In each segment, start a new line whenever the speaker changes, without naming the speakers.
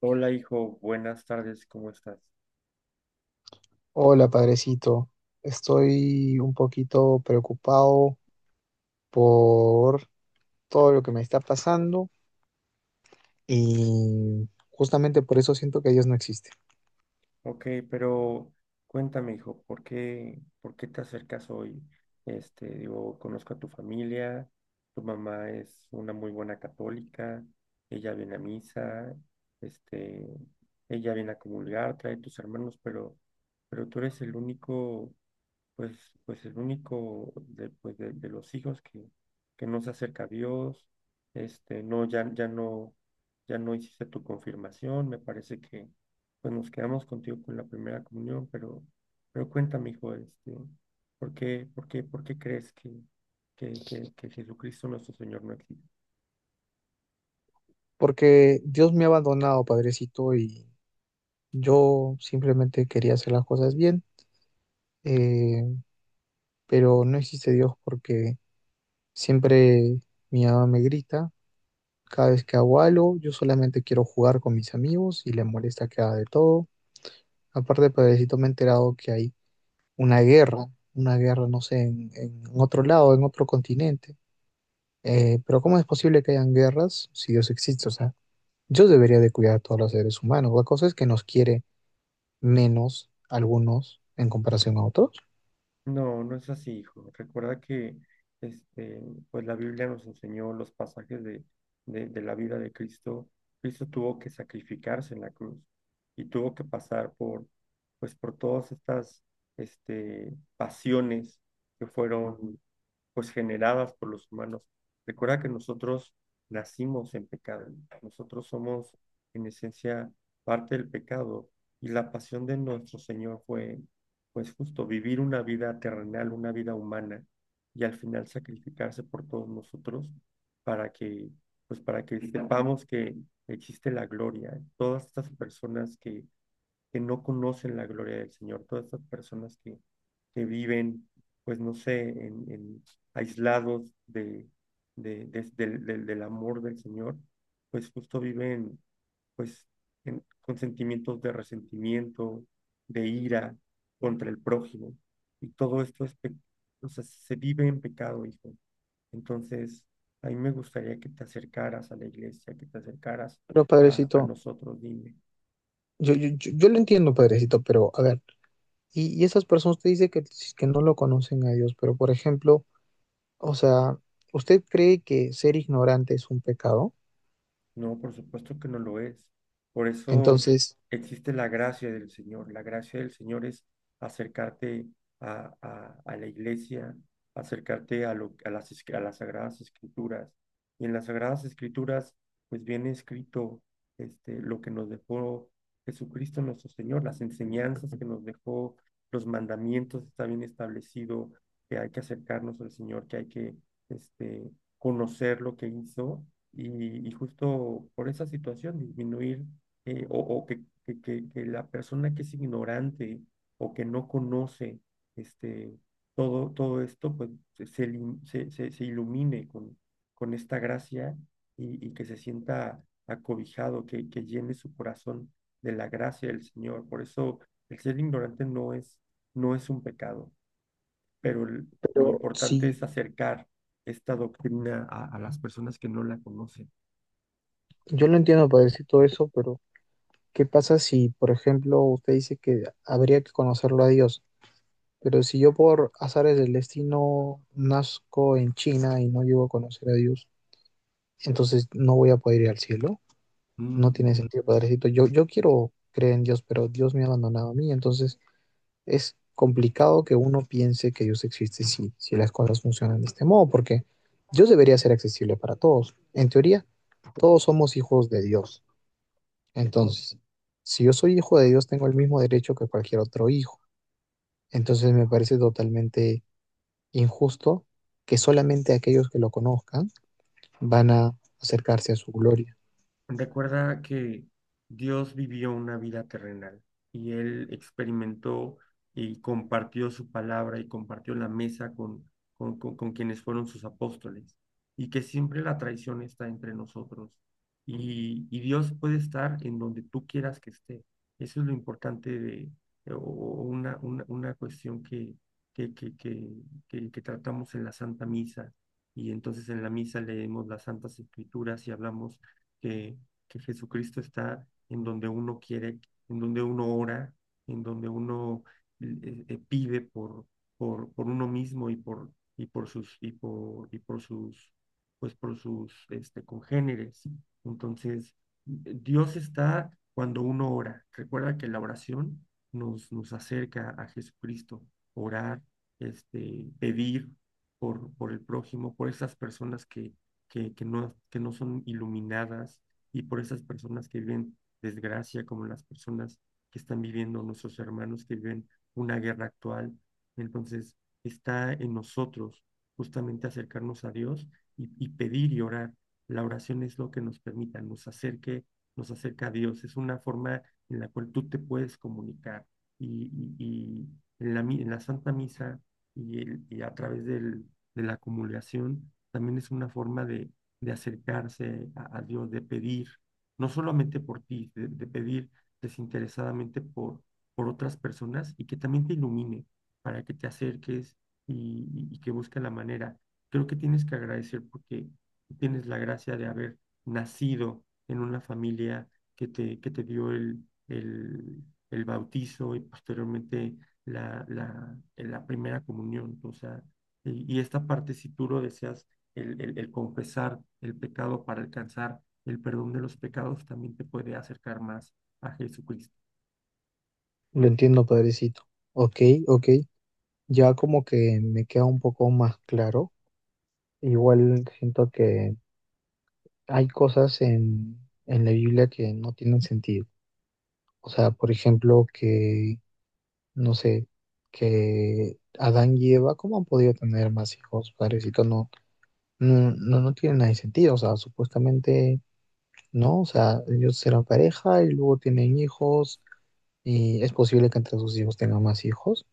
Hola, hijo, buenas tardes, ¿cómo estás?
Hola, padrecito. Estoy un poquito preocupado por todo lo que me está pasando y justamente por eso siento que Dios no existe.
Ok, pero cuéntame, hijo, ¿por qué te acercas hoy? Digo, conozco a tu familia, tu mamá es una muy buena católica, ella viene a misa, este, ella viene a comulgar, trae tus hermanos, pero tú eres el único pues el único de los hijos que no se acerca a Dios, no, ya no hiciste tu confirmación, me parece que pues nos quedamos contigo con la primera comunión, pero cuéntame, hijo, ¿por qué crees que Jesucristo nuestro Señor no existe?
Porque Dios me ha abandonado, padrecito, y yo simplemente quería hacer las cosas bien, eh, pero no existe Dios porque siempre mi mamá me grita. Cada vez que hago algo, yo solamente quiero jugar con mis amigos y le molesta que haga de todo. Aparte, padrecito, me he enterado que hay una guerra, una guerra, no sé, en otro lado, en otro continente. Pero ¿cómo es posible que hayan guerras si Dios existe? O sea, Dios debería de cuidar a todos los seres humanos. La cosa es que nos quiere menos algunos en comparación a otros.
No, no es así, hijo. Recuerda que este, pues la Biblia nos enseñó los pasajes de la vida de Cristo. Cristo tuvo que sacrificarse en la cruz y tuvo que pasar por todas estas pasiones que fueron pues, generadas por los humanos. Recuerda que nosotros nacimos en pecado, ¿no? Nosotros somos en esencia parte del pecado y la pasión de nuestro Señor fue pues justo vivir una vida terrenal, una vida humana y al final sacrificarse por todos nosotros para que, pues para que sepamos que existe la gloria. Todas estas personas que no conocen la gloria del Señor, todas estas personas que viven, pues no sé, en aislados de, des- del, del- del amor del Señor, pues justo viven pues con sentimientos de resentimiento, de ira contra el prójimo. Y todo esto es, o sea, se vive en pecado, hijo. Entonces, a mí me gustaría que te acercaras a la iglesia, que te acercaras
Pero
a
Padrecito,
nosotros, dime.
yo lo entiendo, Padrecito, pero a ver, y esas personas te dicen que, si, que no lo conocen a Dios, pero por ejemplo, o sea, ¿usted cree que ser ignorante es un pecado?
No, por supuesto que no lo es. Por eso
Entonces,
existe la gracia del Señor. La gracia del Señor es acercarte a la iglesia, acercarte a las Sagradas Escrituras. Y en las Sagradas Escrituras, pues viene escrito lo que nos dejó Jesucristo nuestro Señor, las enseñanzas que nos dejó, los mandamientos, está bien establecido que hay que acercarnos al Señor, que hay que este, conocer lo que hizo y justo por esa situación disminuir, o que la persona que es ignorante o que no conoce este, todo esto, pues se ilumine con esta gracia y que se sienta acobijado, que llene su corazón de la gracia del Señor. Por eso el ser ignorante no es un pecado, pero lo
pero
importante
sí
es acercar esta doctrina a las personas que no la conocen.
yo lo entiendo, Padrecito, eso, pero ¿qué pasa si, por ejemplo, usted dice que habría que conocerlo a Dios? Pero si yo por azares del destino nazco en China y no llego a conocer a Dios, entonces no voy a poder ir al cielo. No
Mm.
tiene sentido, padrecito. Yo quiero creer en Dios, pero Dios me ha abandonado a mí. Entonces es complicado que uno piense que Dios existe si las cosas funcionan de este modo, porque Dios debería ser accesible para todos. En teoría, todos somos hijos de Dios. Entonces, si yo soy hijo de Dios, tengo el mismo derecho que cualquier otro hijo. Entonces me parece totalmente injusto que solamente aquellos que lo conozcan van a acercarse a su gloria.
Recuerda que Dios vivió una vida terrenal y Él experimentó y compartió su palabra y compartió la mesa con quienes fueron sus apóstoles y que siempre la traición está entre nosotros y Dios puede estar en donde tú quieras que esté. Eso es lo importante de o una cuestión que, que, que, que tratamos en la Santa Misa y entonces en la misa leemos las Santas Escrituras y hablamos que, que Jesucristo está en donde uno quiere, en donde uno ora, en donde uno pide por uno mismo y por sus, pues por sus congéneres. Entonces, Dios está cuando uno ora. Recuerda que la oración nos acerca a Jesucristo. Orar, pedir por el prójimo, por esas personas que no son iluminadas y por esas personas que viven desgracia, como las personas que están viviendo, nuestros hermanos que viven una guerra actual. Entonces, está en nosotros justamente acercarnos a Dios y pedir y orar. La oración es lo que nos permita, nos acerque, nos acerca a Dios. Es una forma en la cual tú te puedes comunicar. Y, y en la Santa Misa y a través de la comulgación, también es una forma de acercarse a Dios, de pedir, no solamente por ti, de pedir desinteresadamente por otras personas y que también te ilumine para que te acerques y que busque la manera. Creo que tienes que agradecer porque tienes la gracia de haber nacido en una familia que te dio el bautizo y posteriormente la primera comunión. O sea, y esta parte, si tú lo deseas, el confesar el pecado para alcanzar el perdón de los pecados también te puede acercar más a Jesucristo.
Lo entiendo, Padrecito. Ok, ok. Ya como que me queda un poco más claro. Igual siento que hay cosas en la Biblia que no tienen sentido. O sea, por ejemplo, no sé, que Adán y Eva, ¿cómo han podido tener más hijos? Padrecito, no, no, no, no tiene nada de sentido, o sea, supuestamente no, o sea, ellos serán pareja y luego tienen hijos y es posible que entre sus hijos tengan más hijos.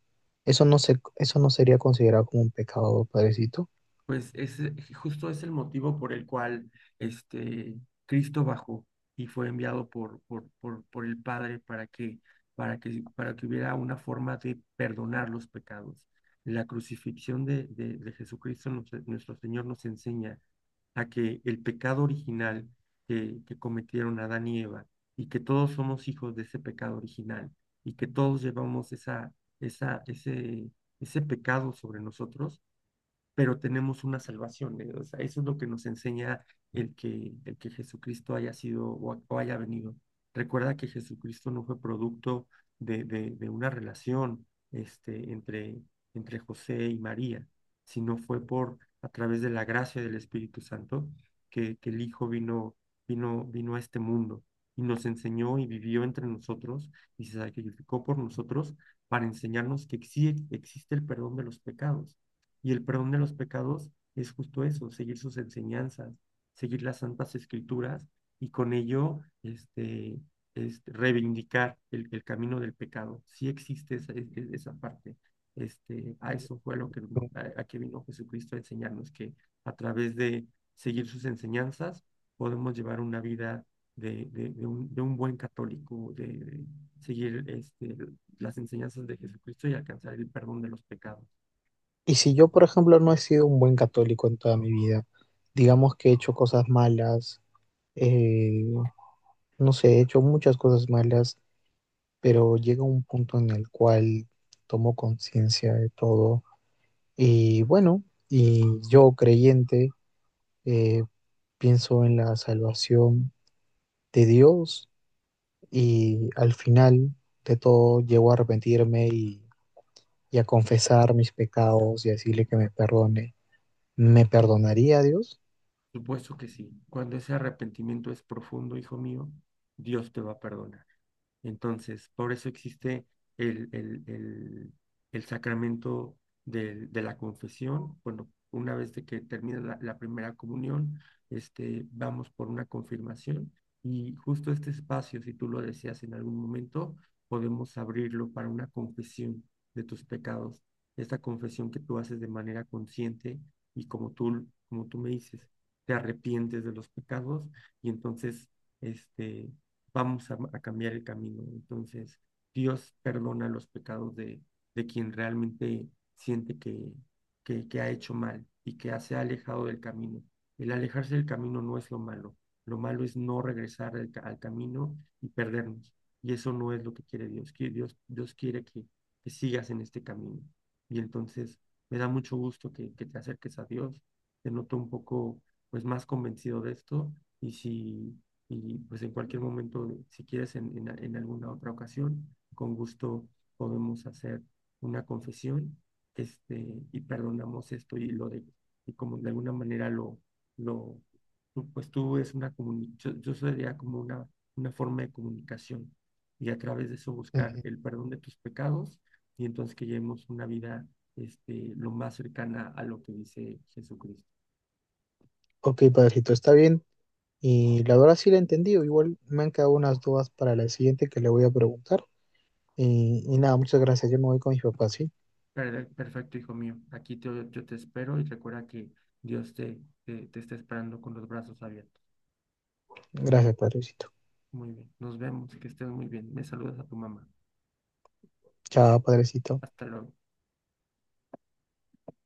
Eso no sería considerado como un pecado, padrecito.
Pues es justo es el motivo por el cual este Cristo bajó y fue enviado por el Padre para que hubiera una forma de perdonar los pecados. La crucifixión de Jesucristo, nuestro Señor, nos enseña a que el pecado original que cometieron Adán y Eva, y que todos somos hijos de ese pecado original, y que todos llevamos esa, ese, ese pecado sobre nosotros pero tenemos una salvación, ¿eh? O sea, eso es lo que nos enseña el que Jesucristo haya sido o haya venido. Recuerda que Jesucristo no fue producto de una relación entre José y María, sino fue por a través de la gracia del Espíritu Santo que el Hijo vino a este mundo y nos enseñó y vivió entre nosotros y se sacrificó por nosotros para enseñarnos que sí existe el perdón de los pecados y el perdón de los pecados es justo eso, seguir sus enseñanzas, seguir las Santas Escrituras y con ello reivindicar el camino del pecado. Sí existe esa parte. A eso fue lo que, a que vino Jesucristo a enseñarnos, que a través de seguir sus enseñanzas podemos llevar una vida de un buen católico, de seguir las enseñanzas de Jesucristo y alcanzar el perdón de los pecados.
Y si yo, por ejemplo, no he sido un buen católico en toda mi vida, digamos que he hecho cosas malas, eh, no sé, he hecho muchas cosas malas, pero llega un punto en el cual tomo conciencia de todo y bueno, y yo creyente, eh, pienso en la salvación de Dios y al final de todo llego a arrepentirme y a confesar mis pecados y a decirle que me perdone. ¿Me perdonaría Dios?
Supuesto que sí. Cuando ese arrepentimiento es profundo, hijo mío, Dios te va a perdonar. Entonces, por eso existe el, el- el- el sacramento de la confesión. Bueno, una vez de que termina la primera comunión, vamos por una confirmación y justo este espacio, si tú lo deseas en algún momento, podemos abrirlo para una confesión de tus pecados. Esta confesión que tú haces de manera consciente y como tú me dices, te arrepientes de los pecados y entonces este vamos a cambiar el camino. Entonces, Dios perdona los pecados de quien realmente siente que ha hecho mal y que se ha alejado del camino. El alejarse del camino no es lo malo. Lo malo es no regresar al camino y perdernos. Y eso no es lo que quiere Dios. Que Dios quiere que sigas en este camino. Y entonces me da mucho gusto que te acerques a Dios. Te noto un poco pues más convencido de esto. Y si y pues en cualquier momento, si quieres, en alguna otra ocasión, con gusto podemos hacer una confesión, y perdonamos esto y lo de, y como de alguna manera lo, pues tú es una yo sería como una forma de comunicación y a través de eso buscar
Ujú.
el perdón de tus pecados y entonces que llevemos una vida, lo más cercana a lo que dice Jesucristo.
Ok, padrecito, está bien. Y la verdad sí la he entendido. Igual me han quedado unas dudas para la siguiente que le voy a preguntar. Y nada, muchas gracias. Yo me voy con mis papás, ¿sí?
Perfecto, hijo mío. Aquí yo te espero y recuerda que Dios te está esperando con los brazos abiertos.
Gracias, padrecito.
Muy bien. Nos vemos. Que estés muy bien. Me saludas a tu mamá.
Chao, padrecito.
Hasta luego.